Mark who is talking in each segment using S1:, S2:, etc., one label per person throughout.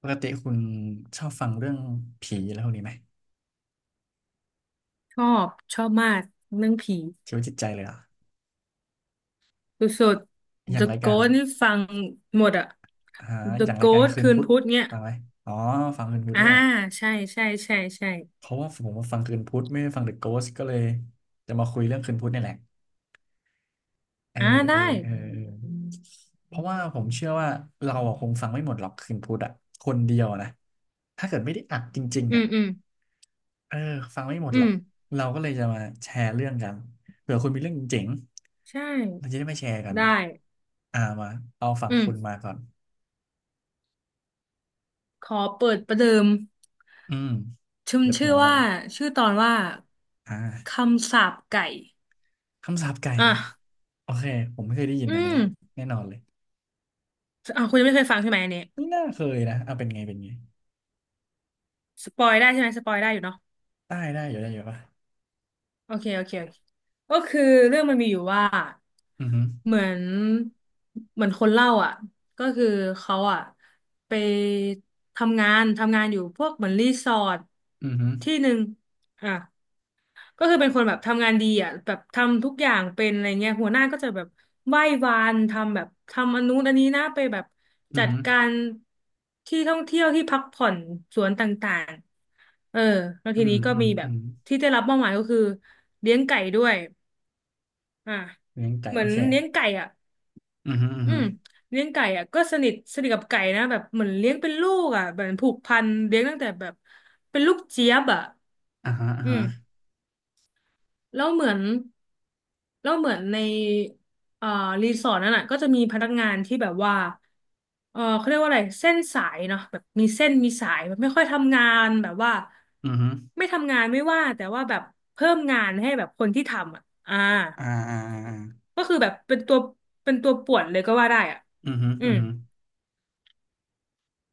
S1: ปกติคุณชอบฟังเรื่องผีอะไรพวกนี้ไหม
S2: ชอบชอบมากเรื่องผี
S1: ชีวิตจิตใจเลยเหรอ่ะ
S2: สุด
S1: อ
S2: ๆ
S1: ย่าง
S2: The
S1: รายการ
S2: Ghost นี่ฟังหมดอะ
S1: หา
S2: The
S1: อย่างรายการ
S2: Ghost
S1: คืน
S2: คืน
S1: พุธ
S2: พุธเนี่ย
S1: ฟังไหมอ๋อฟังคืนพุธ
S2: อ่า
S1: ด้วย
S2: ใช่ใช่ใช่ใช่
S1: เพราะว่าผมมาฟังคืนพุธไม่ได้ฟังเดอะโกสก็เลยจะมาคุยเรื่องคืนพุธนี่แหละเออ
S2: อ่า
S1: เอ
S2: ได้
S1: อเออเออเพราะว่าผมเชื่อว่าเราอะคงฟังไม่หมดหรอกคืนพุธอ่ะคนเดียวนะถ้าเกิดไม่ได้อัดจริง
S2: อื
S1: ๆอ่ะ
S2: มอืม
S1: เออฟังไม่หมด
S2: อื
S1: หรอ
S2: ม
S1: กเราก็เลยจะมาแชร์เรื่องกันเผื่อคุณมีเรื่องเจ๋ง
S2: ใช่
S1: ๆเราจะได้มาแชร์กัน
S2: ได้
S1: อ่ามาเอาฝั่ง
S2: อื
S1: คุณ
S2: ม
S1: มาก่อน
S2: ขอเปิดประเดิม
S1: อืม
S2: ชื่อ
S1: เปิด
S2: ชื่
S1: หั
S2: อ
S1: วมา
S2: ว่า
S1: เลย
S2: ชื่อตอนว่า
S1: อ่
S2: ค
S1: า
S2: ำสาปไก่
S1: คำสาปไก่
S2: อ่ะ
S1: โอเคผมไม่เคยได้ยิน
S2: อื
S1: อันนี้
S2: ม
S1: แน่นอนเลย
S2: อ่ะคุณยังไม่เคยฟังใช่ไหมอันนี้
S1: ไม่น่าเคยนะเอาเป็นไงเป็นไง
S2: สปอยได้ใช่ไหมสปอยได้อยู่เนาะ
S1: ได้ได้อยู่ได้อยู่ปะ
S2: โอเคโอเคโอเคก็คือเรื่องมันมีอยู่ว่า
S1: อือหือ
S2: เหมือนเหมือนคนเล่าอ่ะก็คือเขาอ่ะไปทำงานอยู่พวกเหมือนรีสอร์ท
S1: อือหือ
S2: ที่หนึ่งอ่ะ ก็คือเป็นคนแบบทำงานดีอ่ะแบบทำทุกอย่างเป็นอะไรเงี้ยหัวหน้าก็จะแบบไหว้วานทำแบบทำอันนู้นอันนี้นะไปแบบ
S1: อื
S2: จั
S1: อ
S2: ด
S1: หือ
S2: การที่ท่องเที่ยวที่พักผ่อนสวนต่างๆเออแล้ว
S1: อื
S2: ที
S1: ม
S2: นี้ก็
S1: อืม
S2: มีแบ
S1: อื
S2: บ
S1: ม
S2: ที่ได้รับมอบหมายก็คือเลี้ยงไก่ด้วยอ่ะ
S1: เลี้ยงไก่
S2: เหมื
S1: โอ
S2: อน
S1: เค
S2: เลี้ยงไก่อ่ะ
S1: อือหืออือ
S2: อื
S1: หือ
S2: มเลี้ยงไก่อ่ะก็สนิทกับไก่นะแบบเหมือนเลี้ยงเป็นลูกอ่ะแบบผูกพันเลี้ยงตั้งแต่แบบเป็นลูกเจี๊ยบอ่ะ
S1: อ่าฮะอ่า
S2: อื
S1: ฮะ
S2: ม แล้วเหมือนแล้วเหมือนในเอ่อรีสอร์ทนั้นอ่ะก็จะมีพนักงานที่แบบว่าเออเขาเรียกว่าอะไรเส้นสายเนาะแบบมีเส้นมีสายแบบไม่ค่อยทำงานแบบว่า
S1: อือหือ
S2: ไม่ทำงานไม่ว่าแต่ว่าแบบเพิ่มงานให้แบบคนที่ทำอ่ะอ่า
S1: อ่าอ่าอ่า
S2: ก็คือแบบเป็นตัวป่วนเลยก็ว่าได้อ่ะ
S1: อือหือ
S2: อื
S1: อือ
S2: ม
S1: หือ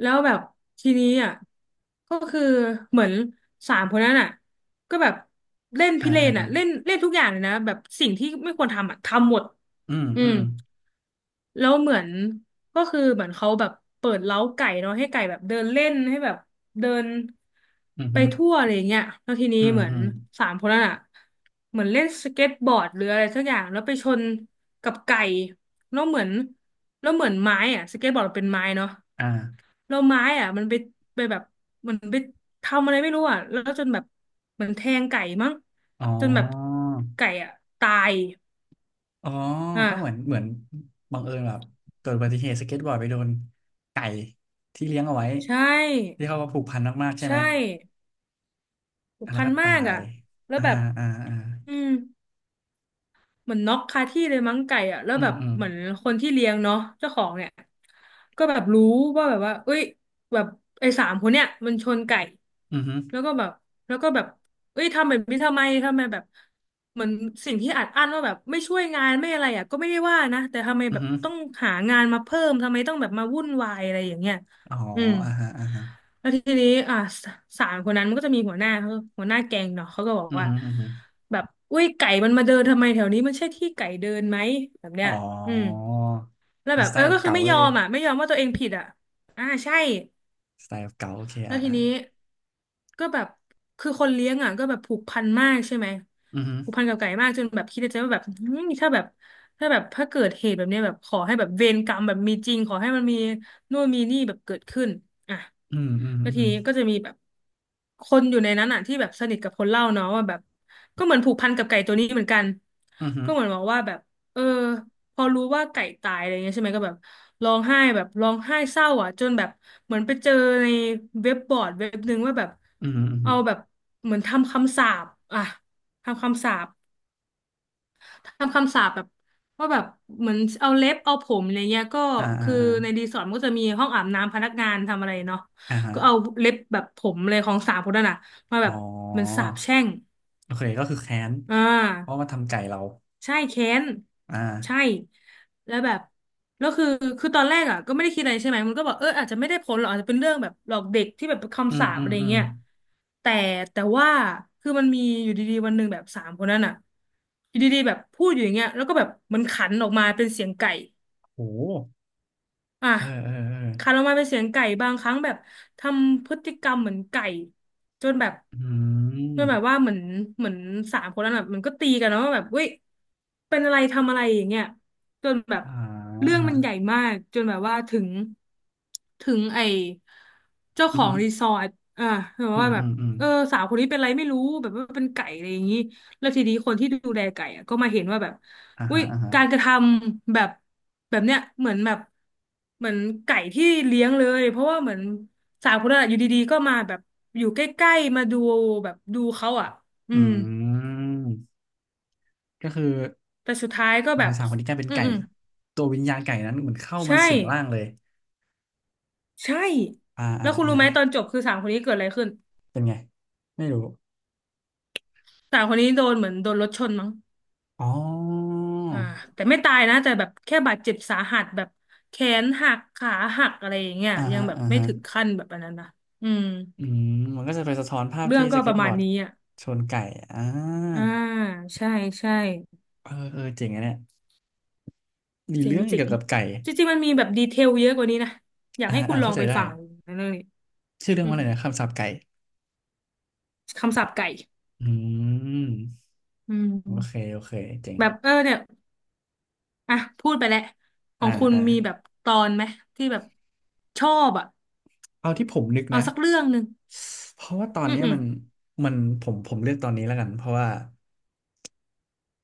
S2: แล้วแบบทีนี้อ่ะก็คือเหมือนสามคนนั้นอ่ะก็แบบเล่น
S1: อ่า
S2: พิเร
S1: อ่า
S2: น
S1: อ่า
S2: อ่ะเล่นเล่นทุกอย่างเลยนะแบบสิ่งที่ไม่ควรทำอ่ะทำหมด
S1: อืม
S2: อื
S1: อื
S2: ม
S1: ม
S2: แล้วเหมือนก็คือเหมือนเขาแบบเปิดเล้าไก่เนาะให้ไก่แบบเดินเล่นให้แบบเดิน
S1: อืม
S2: ไป
S1: ฮึ
S2: ทั่วอะไรอย่างเงี้ยแล้วทีนี้
S1: อืม
S2: เหมือ
S1: อื
S2: น
S1: ม
S2: สามคนนั้นอ่ะเหมือนเล่นสเก็ตบอร์ดหรืออะไรสักอย่างแล้วไปชนกับไก่แล้วเหมือนแล้วเหมือนไม้อ่ะสเก็ตบอร์ดเป็นไม้เนาะ
S1: อ่า
S2: แล้วไม้อ่ะมันไปแบบเหมันไปทำอะไรไม่รู้อ่ะแล้วจนแบบเหมือนแทงไก่มั้ง
S1: อ๋
S2: จนแบบ
S1: อ
S2: ไก่อ่ะตาย
S1: อ๋อก็เหมือน
S2: อ่ะ
S1: เหมือนบังเอิญแบบเกิดอุบัติเหตุสเก็ตบอร์ดไปโดนไก่ที่เลี้ยงเอาไว้
S2: ใช่
S1: ที่เขาว่าผูกพันมากๆใช่ไหม
S2: ใช่ผู
S1: อ่ะ
S2: ก
S1: แล้ว
S2: พัน
S1: ก็
S2: มา
S1: ตา
S2: กอ่ะ
S1: ย
S2: แล้ว
S1: อ่า
S2: แบบ
S1: อ่าอ่า
S2: อืม เหมือนน็อกคาที่เลยมั้งไก่อ่ะแล้ว
S1: อื
S2: แบ
S1: ม
S2: บ
S1: อืม
S2: เหมือนคนที่เลี้ยงเนาะเจ้าของเนี่ยก็แบบรู้ว่าแบบว่าเอ้ยแบบไอ้สามคนเนี่ยมันชนไก่
S1: อืมฮึ
S2: แล้วก็แบบแล้วก็แบบเอ้ยทำแบบนี้ทำไมแบบเหมือนสิ่งที่อัดอั้นว่าแบบไม่ช่วยงานไม่อะไรอ่ะก็ไม่ได้ว่านะแต่ทำไม
S1: อืม
S2: แบบ
S1: ฮึ
S2: ต้องหางานมาเพิ่มทำไมต้องแบบมาวุ่นวายอะไรอย่างเงี้ย
S1: อ๋อ
S2: อืม
S1: อ่าฮะอ่าฮะ
S2: แล้วทีนี้สามคนนั้นมันก็จะมีหัวหน้าแก๊งเนาะเขาก็บอก
S1: อืม
S2: ว่า
S1: ฮึอืมฮึ
S2: แบบอุ้ยไก่มันมาเดินทำไมแถวนี้มันใช่ที่ไก่เดินไหมแบบเนี้
S1: อ๋อ
S2: ยอืมแล้ว
S1: เป็น
S2: แบบ
S1: สไต
S2: เออ
S1: ล์แบ
S2: ก็
S1: บ
S2: คือ
S1: เก่า
S2: ไม่
S1: เล
S2: ยอ
S1: ย
S2: มอ่ะไม่ยอมว่าตัวเองผิดอ่ะอ่าใช่
S1: สไตล์แบบเก่าโอเค
S2: แล้ว
S1: อ่า
S2: ที
S1: อ่า
S2: นี้ก็แบบคือคนเลี้ยงอ่ะก็แบบผูกพันมากใช่ไหม
S1: อืมฮึ
S2: ผูกพันกับไก่มากจนแบบคิดในใจว่าแบบอืมถ้าแบบถ้าเกิดเหตุแบบเนี้ยแบบขอให้แบบเวรกรรมแบบมีจริงขอให้มันมีนู่นมีนี่แบบเกิดขึ้นอ่ะ
S1: อืมอืม
S2: แล้ว
S1: อื
S2: ที
S1: ม
S2: นี้ก็จะมีแบบคนอยู่ในนั้นอ่ะที่แบบสนิทกับคนเล่าเนาะว่าแบบก็เหมือนผูกพันกับไก่ตัวนี้เหมือนกัน
S1: อืมฮึ
S2: ก็เหมือนบอกว่าแบบเออ พอรู้ว่าไก่ตายอะไรเงี้ยใช่ไหมก็แบบร้องไห้เศร้าอ่ะจนแบบเหมือนไปเจอในเว็บบอร์ดเว็บหนึ่งว่าแบบ
S1: อืมอืมฮึ
S2: เอาแบบเหมือนทำคำสาปอ่ะทำคำสาปทำคำสาปแบบว่าแบบเหมือนเอาเล็บเอาผมอะไรเงี้ยก็
S1: อ่าอ่า
S2: คือ
S1: อ่า
S2: ในรีสอร์ทมันก็จะมีห้องอาบน้ำพนักงานทำอะไรเนาะ
S1: อ่าฮะ
S2: ก็เอาเล็บแบบผมเลยของสามคนนั้นอ่ะมาแบ
S1: อ๋อ
S2: บเหมันสาปแช่ง
S1: โอเคก็คือแค้น
S2: อ่
S1: เพราะ
S2: า
S1: มาทำไก่เรา
S2: ใช่เค้น
S1: อ่า
S2: ใช่แล้วแบบแล้วคือคือตอนแรกอ่ะก็ไม่ได้คิดอะไรใช่ไหมมันก็บอกเอออาจจะไม่ได้ผลหรอกอาจจะเป็นเรื่องแบบหลอกเด็กที่แบบ
S1: อื
S2: คำ
S1: ม
S2: สาป
S1: อืม
S2: อะไร
S1: อืม
S2: เงี้ยแต่แต่ว่าคือมันมีอยู่ดีๆวันหนึ่งแบบสามคนนั้นอ่ะอยู่ดีๆแบบพูดอยู่อย่างเงี้ยแล้วก็แบบมันขันออกมาเป็นเสียงไก่
S1: โห
S2: อ่ะ
S1: เออเออเออ
S2: คันออกมาเป็นเสียงไก่บางครั้งแบบทำพฤติกรรมเหมือนไก่จนแบบ
S1: อื
S2: จนแบบ
S1: ม
S2: ว่าเหมือนสามคนนั้นแบบมันก็ตีกันนล้วว่าแบบเว้ยเป็นอะไรทำอะไรอย่างเงี้ยจนแบบ
S1: อ่า
S2: เรื่อ
S1: อ่า
S2: ง
S1: ฮะ
S2: มันใหญ่มากจนแบบว่าถึงไอเจ้า
S1: อื
S2: ของรี
S1: ม
S2: สอร์ทอ่ะแบบ
S1: อืม
S2: ว่าแบ
S1: อื
S2: บ
S1: มอืม
S2: เออสาวคนนี้เป็นอะไรไม่รู้แบบว่าเป็นไก่อะไรอย่างงี้ แล้วทีนี้คนที่ดูแลไก่อะก็มาเห็นว่าแบบ
S1: อ่า
S2: อุ้
S1: ฮะ
S2: ย
S1: อ่าฮะ
S2: การกระทำแบบแบบเนี้ยเหมือนแบบเหมือนไก่ที่เลี้ยงเลยเพราะว่าเหมือนสาวคนนั้นอะอยู่ดีๆก็มาแบบอยู่ใกล้ๆมาดูแบบดูเขาอ่ะอื
S1: อื
S2: ม
S1: มก็คือ
S2: แต่สุดท้ายก็แบ
S1: เป็
S2: บ
S1: นสามคนที่กลายเป็น
S2: อืม
S1: ไก่
S2: อืม
S1: ตัววิญญาณไก่นั้นเหมือนเข้ามา
S2: ใช่
S1: สิงร่างเลย
S2: ใช่
S1: อ่า
S2: แล้
S1: อ่า
S2: วคุณ
S1: อ่า
S2: รู้ไหมตอนจบคือสาวคนนี้เกิดอะไรขึ้น
S1: เป็นไงไม่รู้
S2: สาวคนนี้โดนเหมือนโดนรถชนมั้ง
S1: อ๋อ
S2: อ่าแต่ไม่ตายนะแต่แบบแค่บาดเจ็บสาหัสแบบแขนหักขาหักอะไรอย่างเงี้ย
S1: อ่า
S2: ยั
S1: ฮะ
S2: งแบบ
S1: อ่า
S2: ไม่
S1: ฮะ
S2: ถึงขั้นแบบอันนั้นนะอืม
S1: อืมมันก็จะไปสะท้อนภาพ
S2: เรื่อ
S1: ที่
S2: ง
S1: ส
S2: ก็ป
S1: เก็ต
S2: ระ
S1: บ
S2: มา
S1: อ
S2: ณ
S1: ร์ด
S2: นี้อ่ะ
S1: ชนไก่อ่า
S2: อ่าใช่ใช่
S1: เออเออเจ๋งอะเนี่ย มี
S2: เจริง
S1: เรื่อง
S2: จริ
S1: เกี่ย
S2: ง
S1: วกับไก่
S2: จริงๆมันมีแบบดีเทลเยอะกว่านี้นะอยาก
S1: อ่า
S2: ให้คุ
S1: อ่า
S2: ณลอ
S1: เข้า
S2: ง
S1: ใจ
S2: ไป
S1: ได้
S2: ฟังนะเรื่องนี้
S1: ชื่อเรื่อ
S2: อื
S1: งว่า
S2: ม
S1: อะไรนะคำสาปไก่
S2: คำศัพท์ไก่
S1: อืม
S2: อื
S1: โอเค
S2: ม
S1: โอเค เจ๋ง
S2: แบบเออเนี่ยอ่ะพูดไปแล้วข
S1: อ่า
S2: องคุณ
S1: อ่า
S2: มีแบบตอนไหมที่แบบชอบอ่ะ
S1: เอาที่ผมนึก
S2: เอา
S1: นะ
S2: สักเรื่องหนึ่ง
S1: เพราะว่าตอน
S2: อืม
S1: เนี้ย
S2: อืม
S1: มันมันผมเลือกตอนนี้แล้วกันเพราะว่า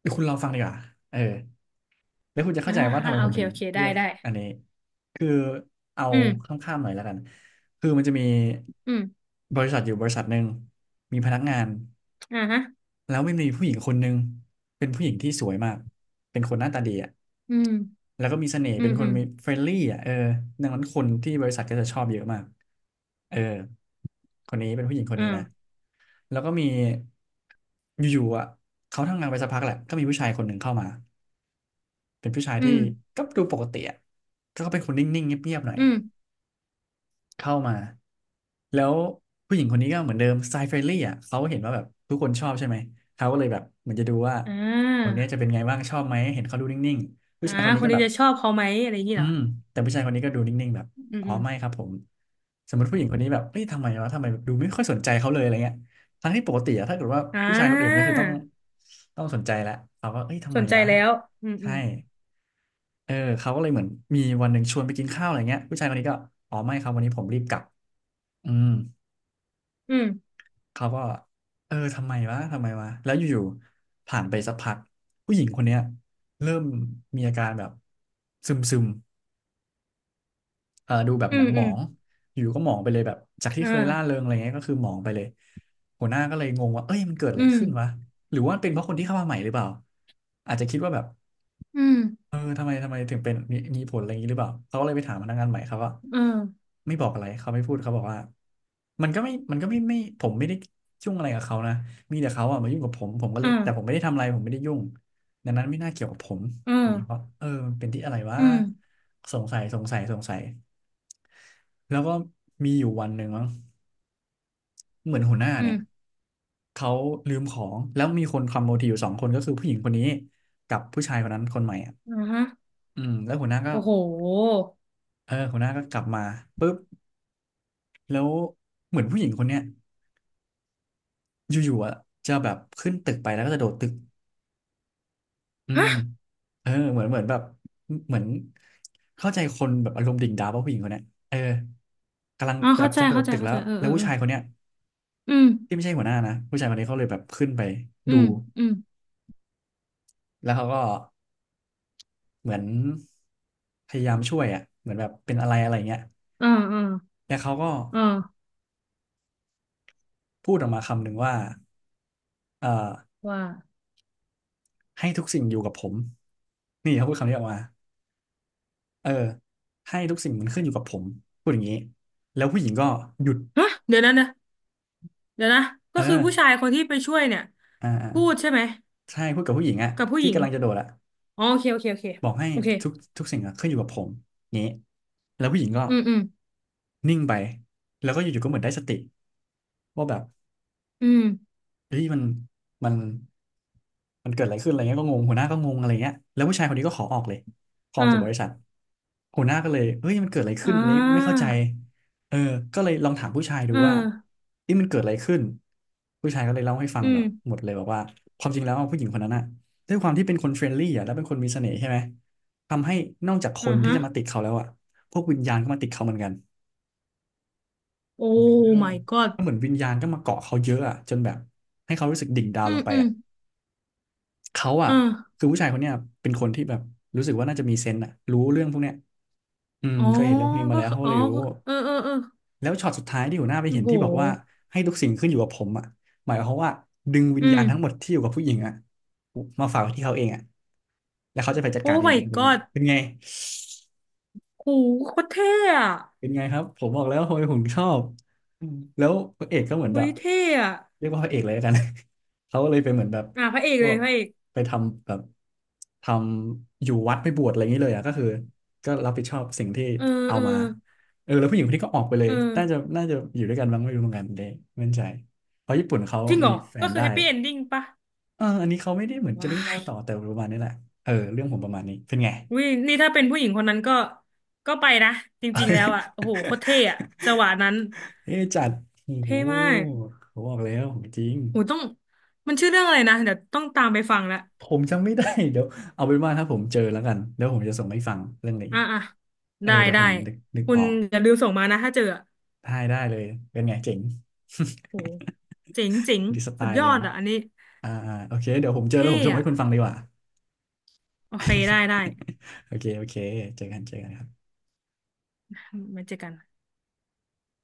S1: เดี๋ยวคุณลองฟังดีกว่าเออแล้วคุณจะเข้า
S2: อ่า
S1: ใจว่าทำ
S2: อ่า
S1: ไม
S2: โอ
S1: ผม
S2: เค
S1: ถึง
S2: โอเค
S1: เลื
S2: ได้
S1: อก
S2: ได้
S1: อันนี้คือเอา
S2: อืม
S1: ข้ามๆหน่อยแล้วกันคือมันจะมี
S2: อืม
S1: บริษัทอยู่บริษัทหนึ่งมีพนักงาน
S2: อ่าฮะ
S1: แล้วไม่มีผู้หญิงคนหนึ่งเป็นผู้หญิงที่สวยมากเป็นคนหน้าตาดีอ่ะ
S2: อืม
S1: แล้วก็มีเสน่ห์
S2: อื
S1: เป็
S2: ม
S1: นค
S2: อื
S1: น
S2: ม
S1: มีเฟรนลี่อ่ะเออดังนั้นคนที่บริษัทก็จะชอบเยอะมากเออคนนี้เป็นผู้หญิงคนนี้นะ
S2: อ่า
S1: แล้วก็มีอยู่ๆอ่ะเขาทำงานไปสักพักแหละก็มีผู้ชายคนหนึ่งเข้ามาเป็นผู้ชาย
S2: อื
S1: ที่
S2: ม
S1: ก็ดูปกติอ่ะก็เป็นคนนิ่งๆเงียบๆหน่อย
S2: อืม
S1: เข้ามาแล้วผู้หญิงคนนี้ก็เหมือนเดิมสไตล์เฟรนลี่อ่ะเขาเห็นว่าแบบทุกคนชอบใช่ไหมเขาก็เลยแบบเหมือนจะดูว่า
S2: อ่
S1: คน
S2: า
S1: เนี้ยจะเป็นไงบ้างชอบไหมเห็นเขาดูนิ่งๆผู้
S2: อ่า
S1: ชายคน
S2: ค
S1: นี้
S2: น
S1: ก็
S2: นี้
S1: แบบ
S2: จะชอบเขาไหมอะไรอย่างนี้
S1: อื
S2: เหรอ
S1: มแต่ผู้ชายคนนี้ก็ดูนิ่งๆแบบ
S2: อืม
S1: อ๋อ
S2: อืม
S1: ไม่ครับผมสมมติผู้หญิงคนนี้แบบเฮ้ยทำไมวะทำไมแบบดูไม่ค่อยสนใจเขาเลยอะไรเงี้ยทั้งที่ปกติอะถ้าเกิดว่า
S2: อ่
S1: ผู้ชายคนอื่นก็
S2: า
S1: คือต้องสนใจแหละเขาก็เอ้ยทำ
S2: ส
S1: ไม
S2: นใจ
S1: วะ
S2: แล้วอืมอื
S1: ใช่
S2: ม
S1: เออเขาก็เลยเหมือนมีวันหนึ่งชวนไปกินข้าวอะไรเงี้ยผู้ชายคนนี้ก็อ๋อไม่ครับวันนี้ผมรีบกลับอืม เขาก็เออทำไมวะทำไมวะแล้วอยู่ๆผ่านไปสักพักผู้หญิงคนเนี้ยเริ่มมีอาการแบบซึมซึมเออดูแบบ
S2: อื
S1: หมอ
S2: ม
S1: งหม
S2: อื
S1: อ
S2: ม
S1: งอยู่ก็หมองไปเลยแบบจากที่
S2: อื
S1: เค
S2: ม
S1: ยร่าเริ
S2: อ่า
S1: งอะไรเงี้ยก็คือหมองไปเลยหัวหน้าก็เลยงงว่าเอ้ยมันเกิดอะ
S2: อื
S1: ไร
S2: ม
S1: ขึ้นวะหรือว่ามันเป็นเพราะคนที่เข้ามาใหม่หรือเปล่าอาจจะคิดว่าแบบ
S2: อืม
S1: เออทำไมทำไมถึงเป็นมีมีผลอะไรอย่างนี้หรือเปล่าเขาก็เลยไปถามพนักงานใหม่เขาก็
S2: เออ
S1: ไม่บอกอะไรเขาไม่พูดเขาบอกว่ามันก็ไม่ผมไม่ได้ยุ่งอะไรกับเขานะมีแต่เขาอะมายุ่งกับผมผมก็เล
S2: เอ่า
S1: ยแต่ผมไม่ได้ทำอะไรผมไม่ได้ยุ่งดังนั้นไม่น่าเกี่ยวกับผม
S2: เออ
S1: นี่เพราะเออมันเป็นที่อะไรวะ
S2: อืม
S1: สงสัยแล้วก็มีอยู่วันหนึ่งมั้งเหมือนหัวหน้า
S2: อื
S1: เนี่ย
S2: ม
S1: เขาลืมของแล้วมีคนคอมโบทีอยู่สองคนก็คือผู้หญิงคนนี้กับผู้ชายคนนั้นคนใหม่อ่ะ
S2: อ่าฮะ
S1: อืมแล้วหัวหน้าก็
S2: โอ้โห
S1: เออหัวหน้าก็กลับมาปุ๊บแล้วเหมือนผู้หญิงคนเนี้ยอยู่ๆอ่ะจะแบบขึ้นตึกไปแล้วก็จะโดดตึกอืม
S2: ฮะ
S1: เออเหมือนแบบเหมือนเข้าใจคนแบบอารมณ์ดิ่งดาวว่าผู้หญิงคนเนี้ยเออกำลัง
S2: อ๋อ
S1: แบ
S2: เข้า
S1: บ
S2: ใจ
S1: จะโดด
S2: เข้าใจ
S1: ตึก
S2: เข้าใจ เออ
S1: แล้
S2: เอ
S1: ว
S2: อ
S1: ผู้
S2: เออ
S1: ชายคนเนี้ย
S2: อืม
S1: ที่ไม่ใช่หัวหน้านะผู้ชายคนนี้เขาเลยแบบขึ้นไป
S2: อื
S1: ดู
S2: มอืม
S1: แล้วเขาก็เหมือนพยายามช่วยอ่ะเหมือนแบบเป็นอะไรอะไรเงี้ย
S2: อ่าอ่า
S1: แล้วเขาก็
S2: อ่า
S1: พูดออกมาคำหนึ่งว่าเอ่อ
S2: ว่า
S1: ให้ทุกสิ่งอยู่กับผมนี่เขาพูดคำนี้ออกมา เออให้ทุกสิ่งมันขึ้นอยู่กับผมพูดอย่างนี้แล้วผู้หญิงก็หยุด
S2: ฮะเดี๋ยวนะ เดี๋ยวนะ ก็
S1: เออ
S2: คือผู้ชายคนที่ไปช่วยเนี่ย
S1: อ่าอ่า
S2: พูดใช่ไหม
S1: ใช่พูดกับผู้หญิงอะ
S2: กับผู้ห
S1: ที่
S2: ญิง
S1: กำลังจะโดดอะ
S2: อ๋อโอเคโอเคโอเค
S1: บอกให้
S2: โอเค
S1: ทุกสิ่งอะขึ้นอยู่กับผมงี้แล้วผู้หญิงก็
S2: อืมอืม
S1: นิ่งไปแล้วก็อยู่ๆก็เหมือนได้สติว่าแบบ
S2: อืม
S1: เฮ้ยมันมันเกิดอะไรขึ้นอะไรเงี้ยก็งงหัวหน้าก็งงอะไรเงี้ยแล้วผู้ชายคนนี้ก็ขอออกเลยขอ
S2: อ
S1: ออกจากบริษัท
S2: ่า
S1: หัวหน้าก็เลยเฮ้ยมันเกิดอะไร
S2: อ่
S1: ขึ้นอันนี้ไม่เข้า
S2: า
S1: ใจเออก็เลยลองถามผู้ชายดู
S2: เออ
S1: ว่านี่มันเกิดอะไรขึ้นผู้ชายก็เลยเล่าให้ฟัง
S2: อื
S1: แบ
S2: ม
S1: บหมดเลยบอกว่าความจริงแล้วผู้หญิงคนนั้นน่ะด้วยความที่เป็นคนเฟรนลี่อ่ะแล้วเป็นคนมีเสน่ห์ใช่ไหมทำให้นอกจากค
S2: อ่า
S1: นที่
S2: ฮะ
S1: จะมาติดเขาแล้วอ่ะพวกวิญญาณก็มาติดเขาเหมือนกัน
S2: โอ้
S1: เออ
S2: my god
S1: ก็เหมือนวิญญาณก็มาเกาะเขาเยอะอ่ะจนแบบให้เขารู้สึกดิ่งดาว
S2: อื
S1: ล
S2: ม
S1: งไป
S2: อืม
S1: อ่ะ เขาอ่ะ
S2: อ่
S1: คื
S2: า
S1: อผู้ชายคนเนี้ยเป็นคนที่แบบรู้สึกว่าน่าจะมีเซนส์อ่ะรู้เรื่องพวกเนี้ยอืม
S2: อ๋อ
S1: เคยเห็นเรื่องพวกนี้มา
S2: ก็
S1: แล้ว
S2: คือ
S1: เขา
S2: อ๋อ
S1: เลยรู้
S2: ก็เออเออเออ
S1: แล้วช็อตสุดท้ายที่หัวหน้าไป
S2: โอ้
S1: เห็น
S2: โห
S1: ที่บอกว่าให้ทุกสิ่งขึ้นอยู่กับผมอ่ะหมายความว่าดึงวิ
S2: อื
S1: ญญา
S2: ม
S1: ณทั้งหมดที่อยู่กับผู้หญิงอ่ะมาฝากไว้ที่เขาเองอ่ะแล้วเขาจะไปจัด
S2: โอ้
S1: การเอง
S2: my
S1: เป็นไง
S2: god
S1: เป็นไง
S2: โหโคตรเท่อะ
S1: เป็นไงครับผมบอกแล้วทำไมผมชอบอืมแล้วพระเอกก็เหมือน
S2: หุ
S1: แบบ
S2: ยเท่อะ
S1: เรียกว่าพระเอกเลยแล้วกัน เขาก็เลยไปเหมือนแบบ
S2: อ่ะพระเอก
S1: พ
S2: เล
S1: ว
S2: ย
S1: ก
S2: พระเอก
S1: ไปทำแบบทำอยู่วัดไปบวชอะไรอย่างนี้เลยอ่ะก็คือก็รับผิดชอบสิ่งที่
S2: เออ
S1: เอา
S2: เออ
S1: มาเออแล้วผู้หญิงคนนี้ก็ออกไปเล
S2: เอ
S1: ย
S2: อ
S1: น่าจะอยู่ด้วยกันบ้างไม่รู้เหมือนกันเด้ไม่แน่ใจเพราะญี่ปุ่นเขา
S2: จริงเหร
S1: มี
S2: อ
S1: แฟ
S2: ก็
S1: น
S2: คือ
S1: ได้
S2: แฮปปี้เอนดิ้งปะ
S1: เอออันนี้เขาไม่ได้เหมือนจะไม่
S2: วา
S1: ได้เล่า
S2: ย
S1: ต่อแต่ประมาณนี้แหละเออเรื่องผมประมาณนี้เป็นไง
S2: อุ้ยนี่ถ้าเป็นผู้หญิงคนนั้นก็ก็ไปนะจริงๆแล้วอะโอ้โหโคตรเท่อะจังห วะนั้น
S1: เอ๊ะจัดโอ้โห
S2: เท่มาก
S1: ผมบอกแล้วของจริง
S2: โหต้องมันชื่อเรื่องอะไรนะเดี๋ยวต้องตามไปฟังละ
S1: ผมจำไม่ได้ เดี๋ยวเอาเป็นว่าถ้าผมเจอแล้วกันเดี๋ยวผมจะส่งให้ฟังเรื่องนี้
S2: อ่ะอ่ะ
S1: เออ
S2: ได้
S1: เดี๋ยว
S2: ได้
S1: ผมนึก
S2: คุ
S1: อ
S2: ณ
S1: อก
S2: อย่าลืมส่งมานะถ้าเจออะ
S1: ได้ได้เลยเป็นไงเจ๋ง
S2: โหเจ๋งเจ๋ง
S1: ดีสไต
S2: สุด
S1: ล์
S2: ย
S1: ห
S2: อ
S1: นึ่ง
S2: ดอ่ะอันนี้
S1: อ่าอ่าโอเคเดี๋ยวผมเจอแล้
S2: เท่
S1: วผมส่ง
S2: อะ
S1: ให้คุณฟังดีกว่า
S2: โอเคได้ได้
S1: โอเคโอเคเจอกันเจอกันครับ
S2: มาเจอกัน